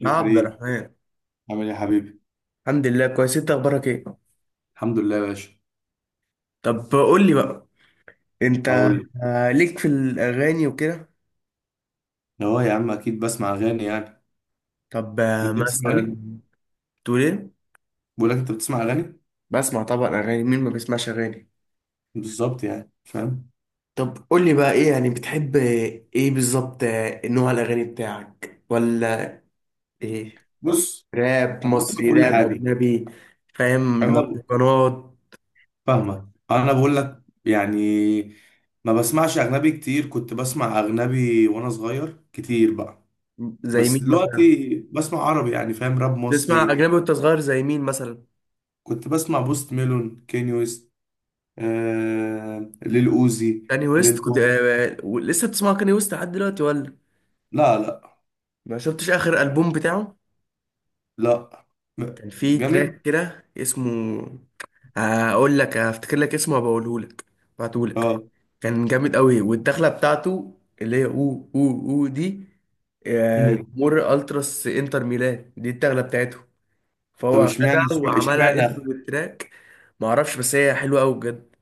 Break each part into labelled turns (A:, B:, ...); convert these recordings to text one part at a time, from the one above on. A: يا
B: يا
A: عبد
B: كريم،
A: الرحمن.
B: عامل ايه يا حبيبي؟
A: الحمد لله كويس. انت اخبارك ايه؟
B: الحمد لله يا باشا.
A: طب قول لي بقى، انت
B: هقول لك.
A: ليك في الاغاني وكده؟
B: اه يا عم، اكيد بسمع اغاني يعني.
A: طب
B: انت بتسمع
A: مثلا
B: اغاني؟
A: تقول ايه؟
B: بقول لك، انت بتسمع اغاني؟
A: بسمع طبعا اغاني، مين ما بيسمعش اغاني؟
B: بالظبط يعني، فاهم.
A: طب قول لي بقى ايه يعني، بتحب ايه بالظبط؟ نوع الاغاني بتاعك ولا ايه؟
B: بص،
A: راب
B: انا بسمع
A: مصري،
B: كل
A: راب
B: حاجه.
A: اجنبي، فاهم؟
B: انا ب-
A: مهرجانات؟
B: فاهمه، انا بقول لك يعني. ما بسمعش اجنبي كتير، كنت بسمع اجنبي وانا صغير كتير بقى.
A: زي
B: بس
A: مين مثلا؟
B: دلوقتي بسمع عربي، يعني فاهم، راب
A: تسمع
B: مصري.
A: اجنبي وانت صغير، زي مين مثلا؟
B: كنت بسمع بوست ميلون، كيني ويست، ليل اوزي،
A: كاني ويست
B: ليل
A: كنت؟
B: بوم.
A: لسه بتسمع كاني ويست لحد دلوقتي ولا؟
B: لا، لا.
A: ما شفتش اخر البوم بتاعه؟
B: لا. م-
A: كان فيه تراك
B: جامد.
A: كده اسمه، هقول لك، هفتكر لك اسمه وبقوله لك، بعته لك.
B: اه.
A: كان جامد قوي، والدخله بتاعته اللي هي او دي،
B: امم.
A: مر التراس انتر ميلان دي الدخله بتاعته.
B: طب
A: فهو
B: اشمعنى
A: خدها
B: اشمعنى
A: وعملها انتر
B: اشمعنى-
A: للتراك. ما اعرفش، بس هي حلوه قوي بجد.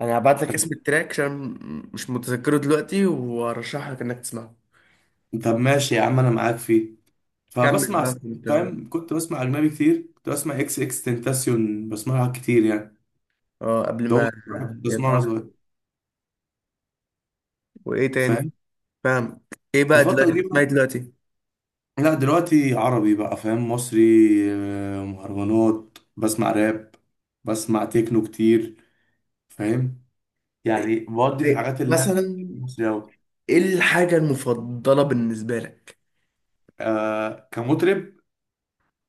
A: انا هبعت لك
B: طب.
A: اسم التراك عشان مش متذكره دلوقتي، وارشح لك انك تسمعه.
B: طب ماشي يا عم، انا معاك فيه،
A: كمل
B: فبسمع.
A: بقى، كنت
B: فاهم، كنت بسمع اجنبي كتير، كنت بسمع اكس اكس تنتاسيون، بسمعها كتير يعني.
A: اه قبل
B: ده هو
A: ما
B: أكتر واحد كنت بسمعه وانا
A: يتعرف.
B: صغير،
A: وايه تاني،
B: فاهم.
A: فاهم؟ ايه بقى دلوقتي
B: الفترة دي
A: بتسمعي
B: بقى،
A: دلوقتي؟
B: لا دلوقتي عربي بقى، فاهم، مصري. مهرجانات، بسمع راب. بسمع تكنو كتير، فاهم.
A: إيه
B: يعني بودي في
A: إيه
B: الحاجات اللي
A: مثلا؟
B: مصري أوي.
A: ايه الحاجة المفضلة بالنسبة لك؟
B: كمطرب.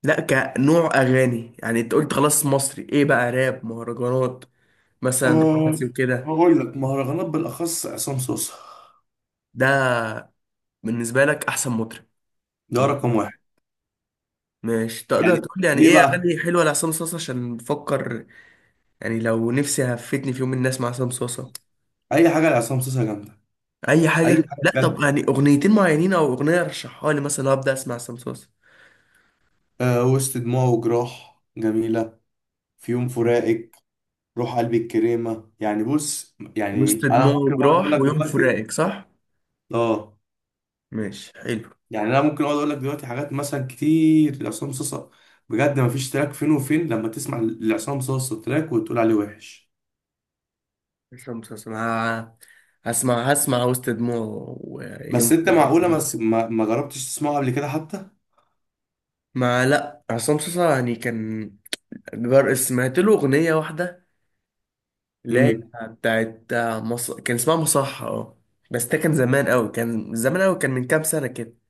A: لا كنوع اغاني يعني، انت قلت خلاص مصري، ايه بقى؟ راب؟ مهرجانات؟ مثلا
B: أه،
A: رومانسي وكده؟
B: هقول لك، مهرجانات بالأخص عصام صوصة.
A: ده بالنسبة لك احسن مطرب،
B: ده
A: كمطرب.
B: رقم واحد.
A: ماشي،
B: يعني
A: تقدر تقول لي يعني
B: ليه
A: ايه
B: بقى؟
A: اغاني حلوة لعصام صاصا، عشان بفكر يعني لو نفسي هفتني في يوم من اسمع عصام صاصا.
B: أي حاجة لعصام صوصة جامدة.
A: اي
B: أي
A: حاجة؟
B: حاجة
A: لا طب
B: بجد.
A: يعني اغنيتين معينين او اغنية رشحها لي مثلا ابدا اسمع عصام صاصا.
B: أه، وسط دموع وجراح جميلة، في يوم فراقك، روح قلبي الكريمة. يعني بص،
A: وسط
B: يعني أنا
A: دماغه
B: ممكن أقعد أقول
A: راح،
B: لك
A: ويوم
B: دلوقتي.
A: فراقك، صح؟
B: أه،
A: ماشي، حلو.
B: يعني أنا ممكن أقعد أقول لك دلوقتي حاجات مثلا كتير لعصام صوصة. بجد مفيش تراك فين وفين لما تسمع لعصام صوصة تراك وتقول عليه وحش.
A: اسمع مسلسل ه- هسمع وسط دماغه ويوم
B: بس أنت
A: فراقك
B: معقولة ما
A: ده.
B: ما ما جربتش تسمعه قبل كده حتى؟
A: ما لا، عصام مسلسل يعني كان جار، سمعت له أغنية واحدة، لا،
B: مم.
A: بتاعت كان اسمها مصحة، اه. بس ده كان زمان قوي، كان زمان قوي، كان من كام سنة كده.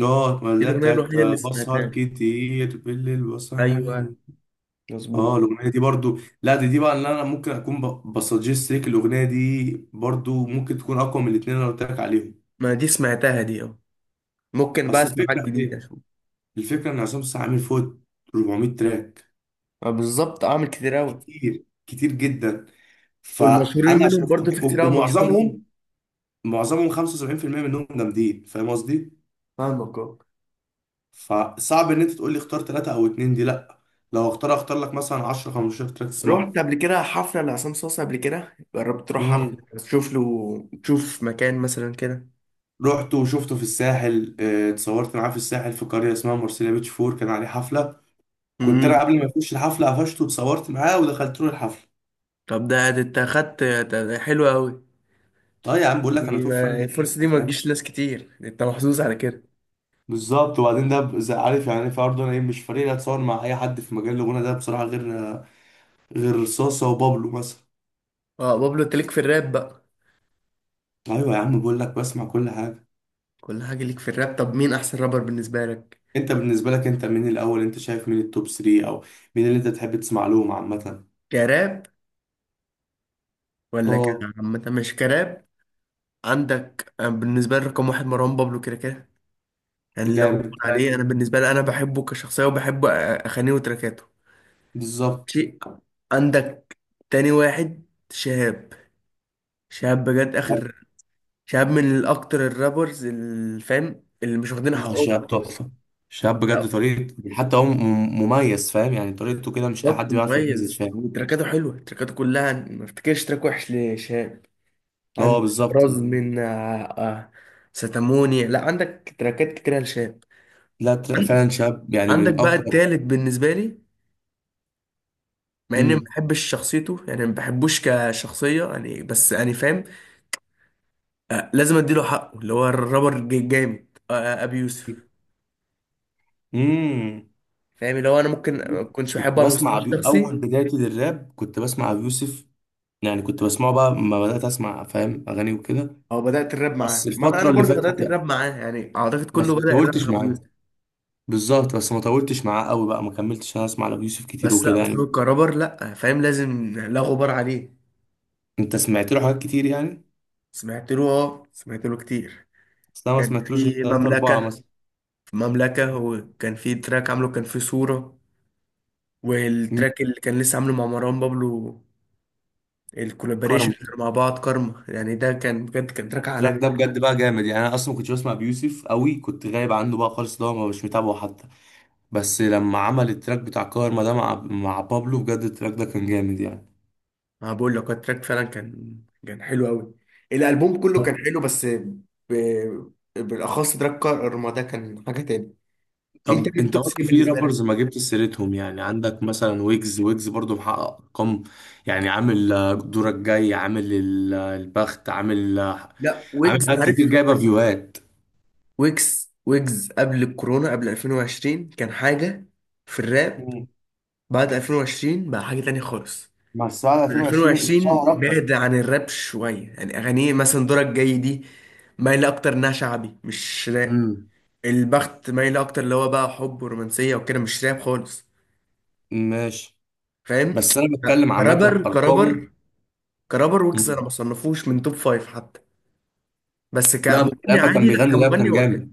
B: اه،
A: دي
B: اللي هي
A: الأغنية
B: بتاعت
A: الوحيدة اللي سمعتها
B: بسهر
A: له.
B: كتير بالليل
A: أيوه،
B: وصاحب.
A: مظبوط.
B: اه، الاغنيه دي برضو، لا دي بقى اللي انا ممكن اكون بسجست ليك، الاغنيه دي برضو ممكن تكون اقوى من الاثنين اللي انا قلت لك عليهم.
A: ما دي سمعتها دي، اه. ممكن بقى
B: اصل
A: اسمع حاجة
B: الفكره في
A: جديدة
B: ايه؟
A: اشوف.
B: الفكره ان عصام السقا عامل فوق 400 تراك،
A: بالظبط، اعمل كتير قوي.
B: كتير كتير جدا.
A: والمشهورين
B: فانا
A: منهم
B: عشان
A: برضه في
B: أفتكر- و-
A: كتير قوي مشهورين منهم.
B: ومعظمهم معظمهم 75% منهم جامدين، فاهم قصدي.
A: فاهمك، اه.
B: فصعب ان انت تقول لي اختار ثلاثه او اتنين دي، لا. لو اختار لك مثلا 10 15 تراك تسمعهم.
A: رحت قبل كده حفلة لعصام صاصا؟ قبل كده جربت تروح حفلة تشوف له، تشوف مكان مثلا كده؟
B: رحت وشفته في الساحل، اتصورت معاه في الساحل في قرية اسمها مرسيليا بيتش فور، كان عليه حفلة. كنت انا
A: امم.
B: قبل ما يخش الحفلة قفشته واتصورت معاه ودخلت له الحفلة.
A: طب ده، ده انت اخدت ده، ده حلو قوي.
B: طيب يا عم بقول لك، انا
A: دي
B: توب فان
A: ما-
B: ليه
A: الفرصة دي
B: يعني،
A: ما
B: فاهم.
A: تجيش ناس كتير، انت محظوظ على كده.
B: بالظبط. وبعدين ده عارف يعني، في برضه انا ايه، مش فريق اتصور مع اي حد في مجال الغنى ده بصراحة، غير صاصة وبابلو مثلا.
A: اه، بابلو. انت ليك في الراب بقى؟
B: ايوه يا عم، بقول لك بسمع كل حاجة.
A: كل حاجة ليك في الراب. طب مين احسن رابر بالنسبة لك،
B: انت بالنسبة لك، انت مين الاول؟ انت شايف مين التوب 3؟ او مين اللي انت تحب تسمع لهم عامة؟
A: كراب ولا
B: اه،
A: كعامة؟ مش كراب. عندك بالنسبة لي رقم واحد مروان بابلو كده كده. يعني لا غبار
B: جامد زي،
A: عليه، انا بالنسبه لي، انا بحبه كشخصيه وبحب اغانيه وتراكاته،
B: بالظبط.
A: شيء. عندك تاني واحد، شهاب. شهاب بجد اخر. شهاب من الاكتر الرابرز الفام اللي مش واخدين
B: لا،
A: حقهم
B: شاب
A: خالص.
B: تحفة. شاب بجد،
A: لا
B: طريقة حتى هو مميز، فاهم يعني، طريقته كده مش أي
A: بالظبط،
B: حد بيعرف يغني زي
A: مميز،
B: شاب.
A: وتراكاته حلوه، تراكاته كلها ما افتكرش تراك وحش لشهاب.
B: هو
A: عندك
B: بالظبط
A: راز
B: يعني.
A: من ستاموني، لا، عندك تراكات كتيره لشهاب.
B: لا، تلاقي فعلا شاب يعني
A: عندك
B: من
A: بقى
B: أقوى.
A: التالت بالنسبه لي، مع اني ما
B: امم.
A: بحبش شخصيته يعني، ما بحبوش كشخصيه يعني، بس يعني فاهم، لازم اديله حقه، اللي هو الرابر جامد، ابي يوسف.
B: امم.
A: فاهم، اللي هو انا ممكن ما كنتش بحبه على المستوى الشخصي،
B: أول بدايتي للراب كنت بسمع أبي يوسف، يعني كنت بسمعه بقى لما بدأت أسمع، فاهم، أغاني وكده.
A: او بدات الراب
B: بس
A: معاه، ما انا
B: الفترة اللي
A: برضه
B: فاتت
A: بدات
B: يعني،
A: الراب معاه يعني، اعتقد كله
B: بس ما
A: بدا الراب
B: طولتش
A: مع ابو
B: معاه.
A: يوسف.
B: بالظبط، بس ما طولتش معاه قوي بقى، ما كملتش أنا أسمع لأبي يوسف كتير
A: بس لا،
B: وكده
A: بس
B: يعني.
A: هو كرابر، لا فاهم، لازم لا غبار عليه.
B: أنت سمعت له حاجات كتير يعني.
A: سمعت له كتير.
B: بس أنا ما
A: كان
B: سمعتلوش غير
A: في
B: تلاتة أربعة
A: مملكه،
B: مثلا.
A: مملكه، وكان في تراك عامله، كان في صوره،
B: مم.
A: والتراك اللي كان لسه عامله مع مروان بابلو، الكولابريشن
B: كارما.
A: مع بعض، كارما يعني، ده كان بجد كان تراك
B: التراك
A: عالمي.
B: ده بجد بقى جامد يعني، انا اصلا ما كنتش بسمع بيوسف قوي، كنت غايب عنه بقى خالص، ده ما مش متابعه حتى. بس لما عمل التراك بتاع كارما ده مع بابلو، بجد التراك ده كان جامد يعني.
A: ما بقول لك، هو التراك فعلا كان، كان حلو قوي. الالبوم كله كان حلو، بالاخص تراك كارما ده كان حاجه تاني. انت
B: طب
A: مين
B: انت
A: توب 3
B: برضه في
A: بالنسبه لك؟
B: رابرز ما جبت سيرتهم، يعني عندك مثلا ويجز برضه محقق ارقام، يعني عامل دورك جاي، عامل البخت، عامل
A: لا،
B: عامل
A: ويجز
B: حاجات
A: عارف،
B: كتير، جايبه فيوهات.
A: ويجز قبل الكورونا، قبل 2020 كان حاجه في الراب.
B: مم.
A: بعد 2020 بقى حاجه تانية خالص.
B: بس بعد 2020
A: 2020
B: اتشهر اكتر.
A: بعد عن الراب شويه، يعني اغانيه مثلا دورك جاي دي مايله اكتر انها شعبي مش راب.
B: امم.
A: البخت مايل اكتر، اللي هو بقى حب ورومانسيه وكده، مش راب خالص،
B: ماشي.
A: فاهم.
B: بس انا
A: لا،
B: بتكلم عامه
A: كرابر
B: ارقامه.
A: كرابر كرابر ويجز انا ما
B: مم.
A: صنفوش من توب فايف حتى. بس
B: لا، بس
A: كمغني
B: لما كان
A: عادي، لا
B: بيغني لاب
A: كمغني
B: كان
A: هو حلو،
B: جامد،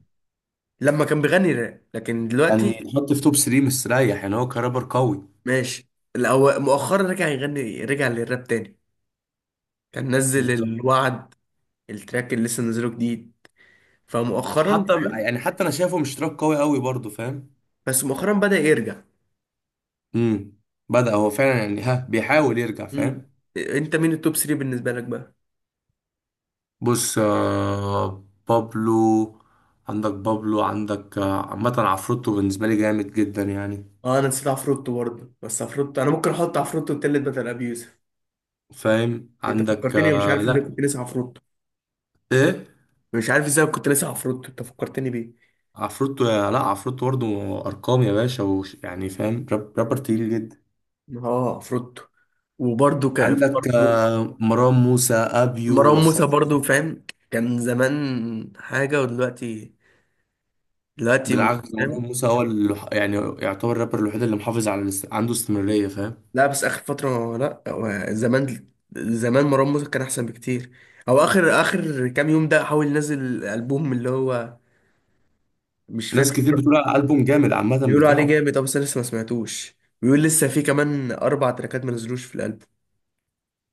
A: لما كان بيغني راب، لكن
B: يعني
A: دلوقتي
B: يتحط في توب 3 مستريح، يعني هو كرابر قوي.
A: ماشي. مؤخرا رجع يغني، رجع للراب تاني، كان نزل
B: بالظبط.
A: الوعد، التراك اللي لسه نزله جديد، فمؤخرا
B: حتى
A: فاهم؟
B: يعني، حتى انا شايفه مش تراك قوي قوي برضه، فاهم.
A: بس مؤخرا بدأ يرجع.
B: امم. بدأ هو فعلا يعني، ها بيحاول يرجع،
A: مم.
B: فاهم.
A: انت مين التوب 3 بالنسبه لك بقى؟
B: بص، آه، بابلو. عندك بابلو، عندك عامة عفروتو بالنسبة لي جامد جدا يعني،
A: اه انا نسيت عفروتو برضه، بس عفروتو انا ممكن احط عفروتو التالت بدل ابي يوسف.
B: فاهم.
A: انت
B: عندك
A: فكرتني، مش عارف ازاي
B: لا،
A: كنت ناسي عفروتو.
B: ايه.
A: مش عارف ازاي كنت ناسي عفروتو، انت فكرتني بيه.
B: عفروتو، لا عفروتو برضه، ارقام يا باشا، وش يعني، فاهم، رابر تقيل جدا.
A: اه، عفروتو. وبرده كان في
B: عندك
A: مروان
B: مروان موسى ابيو،
A: مروان
B: بس أنا
A: موسى برضه، فاهم، كان زمان حاجة، ودلوقتي دلوقتي مش
B: بالعكس، مروان
A: فاهم.
B: موسى هو اللي يعني يعتبر الرابر الوحيد اللي محافظ على عنده استمرارية، فاهم.
A: لا بس آخر فترة، لا هو زمان، زمان مروان موسى كان أحسن بكتير. أو آخر آخر كام يوم ده، حاول ينزل ألبوم اللي هو مش
B: ناس كتير
A: فاكر.
B: بتقول على الألبوم جامد عامة
A: بيقولوا عليه
B: بتاعه.
A: جامد، أه، بس أنا لسه ما سمعتوش. بيقول لسه في كمان أربع تراكات ما نزلوش في الألبوم.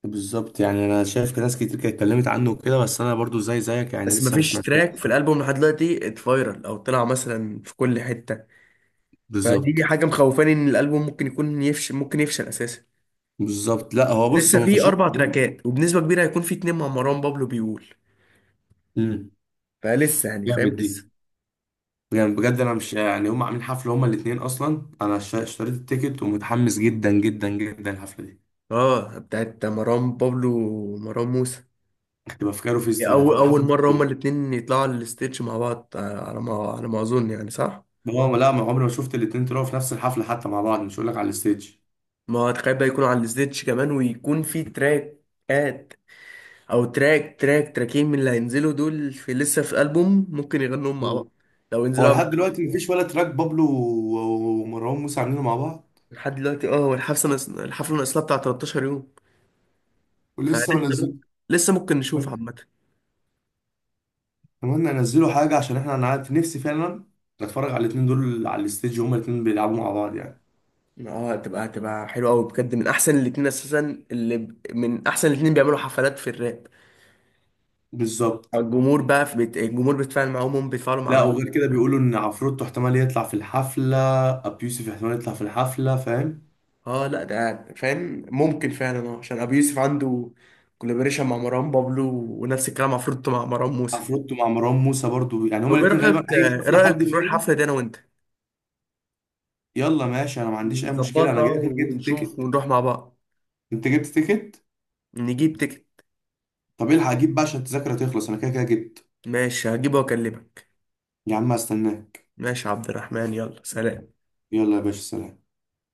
B: بالظبط، يعني انا شايف ناس كتير كانت اتكلمت عنه وكده، بس انا برضو زي زيك يعني
A: بس
B: لسه ما
A: مفيش
B: سمعتوش.
A: تراك في الالبوم لحد دلوقتي اتفايرل او طلع مثلا في كل حته، فدي
B: بالظبط.
A: حاجه مخوفاني ان الالبوم ممكن يكون يفشل، ممكن يفشل اساسا.
B: بالظبط، لا هو بص
A: لسه
B: هو ما
A: في
B: فشلش.
A: اربع تراكات، وبنسبه كبيره هيكون في اتنين مع مروان بابلو بيقول.
B: امم.
A: فلسه يعني، فاهم،
B: جامد دي.
A: لسه.
B: يعني بجد انا مش يعني، هم عاملين حفله هما الاثنين اصلا، انا اشتريت التيكت ومتحمس جدا جدا جدا الحفله دي.
A: اه، بتاعت مروان بابلو ومروان موسى.
B: هتبقى في كايرو فيستيفال،
A: اول
B: هتبقى
A: اول
B: حفله.
A: مره هما الاتنين يطلعوا على الستيتش مع بعض، على ما اظن يعني، صح؟
B: هو لا، ما عمري ما شفت الاتنين طلعوا في نفس الحفله حتى مع بعض، مش هقول لك على الستيج.
A: ما تخيل بقى يكونوا على الستيتش كمان، ويكون في تراكات، او تراكين من اللي هينزلوا دول، في لسه في البوم ممكن يغنوهم مع
B: مم.
A: بعض لو
B: هو
A: ينزلوا قبل
B: لحد
A: الحفلة.
B: دلوقتي مفيش ولا تراك بابلو ومروان موسى عاملينه مع بعض،
A: لحد دلوقتي، اه، هو الحفله الحفله ناقصلها بتاع 13 يوم،
B: ولسه
A: فلسه
B: منزل.
A: ممكن، لسه ممكن نشوف عامه.
B: اتمنى ينزلوا حاجه عشان احنا، انا عارف نفسي فعلا اتفرج على الاتنين دول على الستيج وهما الاتنين بيلعبوا مع بعض يعني.
A: اه، هتبقى حلوه قوي بجد، من احسن الاتنين اساسا، من احسن الاتنين بيعملوا حفلات في الراب.
B: بالظبط.
A: الجمهور بيتفاعل معاهم، هم بيتفاعلوا مع
B: لا وغير
A: الجمهور،
B: كده
A: فاهم؟
B: بيقولوا ان عفروتو احتمال يطلع في الحفله، ابي يوسف احتمال يطلع في الحفله، فاهم.
A: اه لا، ده فاهم، ممكن فعلا اه، عشان ابو يوسف عنده كولابوريشن مع مروان بابلو، ونفس الكلام مع فروتو مع مروان موسى.
B: عفروتو مع مروان موسى برضو، يعني هما
A: طب ايه
B: الاتنين غالبا
A: رأيك،
B: اي حفله حد
A: نروح
B: فيهم.
A: الحفلة دي انا وانت،
B: يلا ماشي، انا ما عنديش اي مشكله، انا
A: نظبطها
B: جاي كده جبت
A: ونشوف
B: التيكت.
A: ونروح مع بعض،
B: انت جبت تيكت؟
A: نجيب تيكت.
B: طب الحق اجيب بقى عشان التذاكر هتخلص، انا كده كده جبت.
A: ماشي، هجيبه واكلمك.
B: يا عم استناك.
A: ماشي يا عبد الرحمن، يلا سلام.
B: يلا يا باشا، سلام.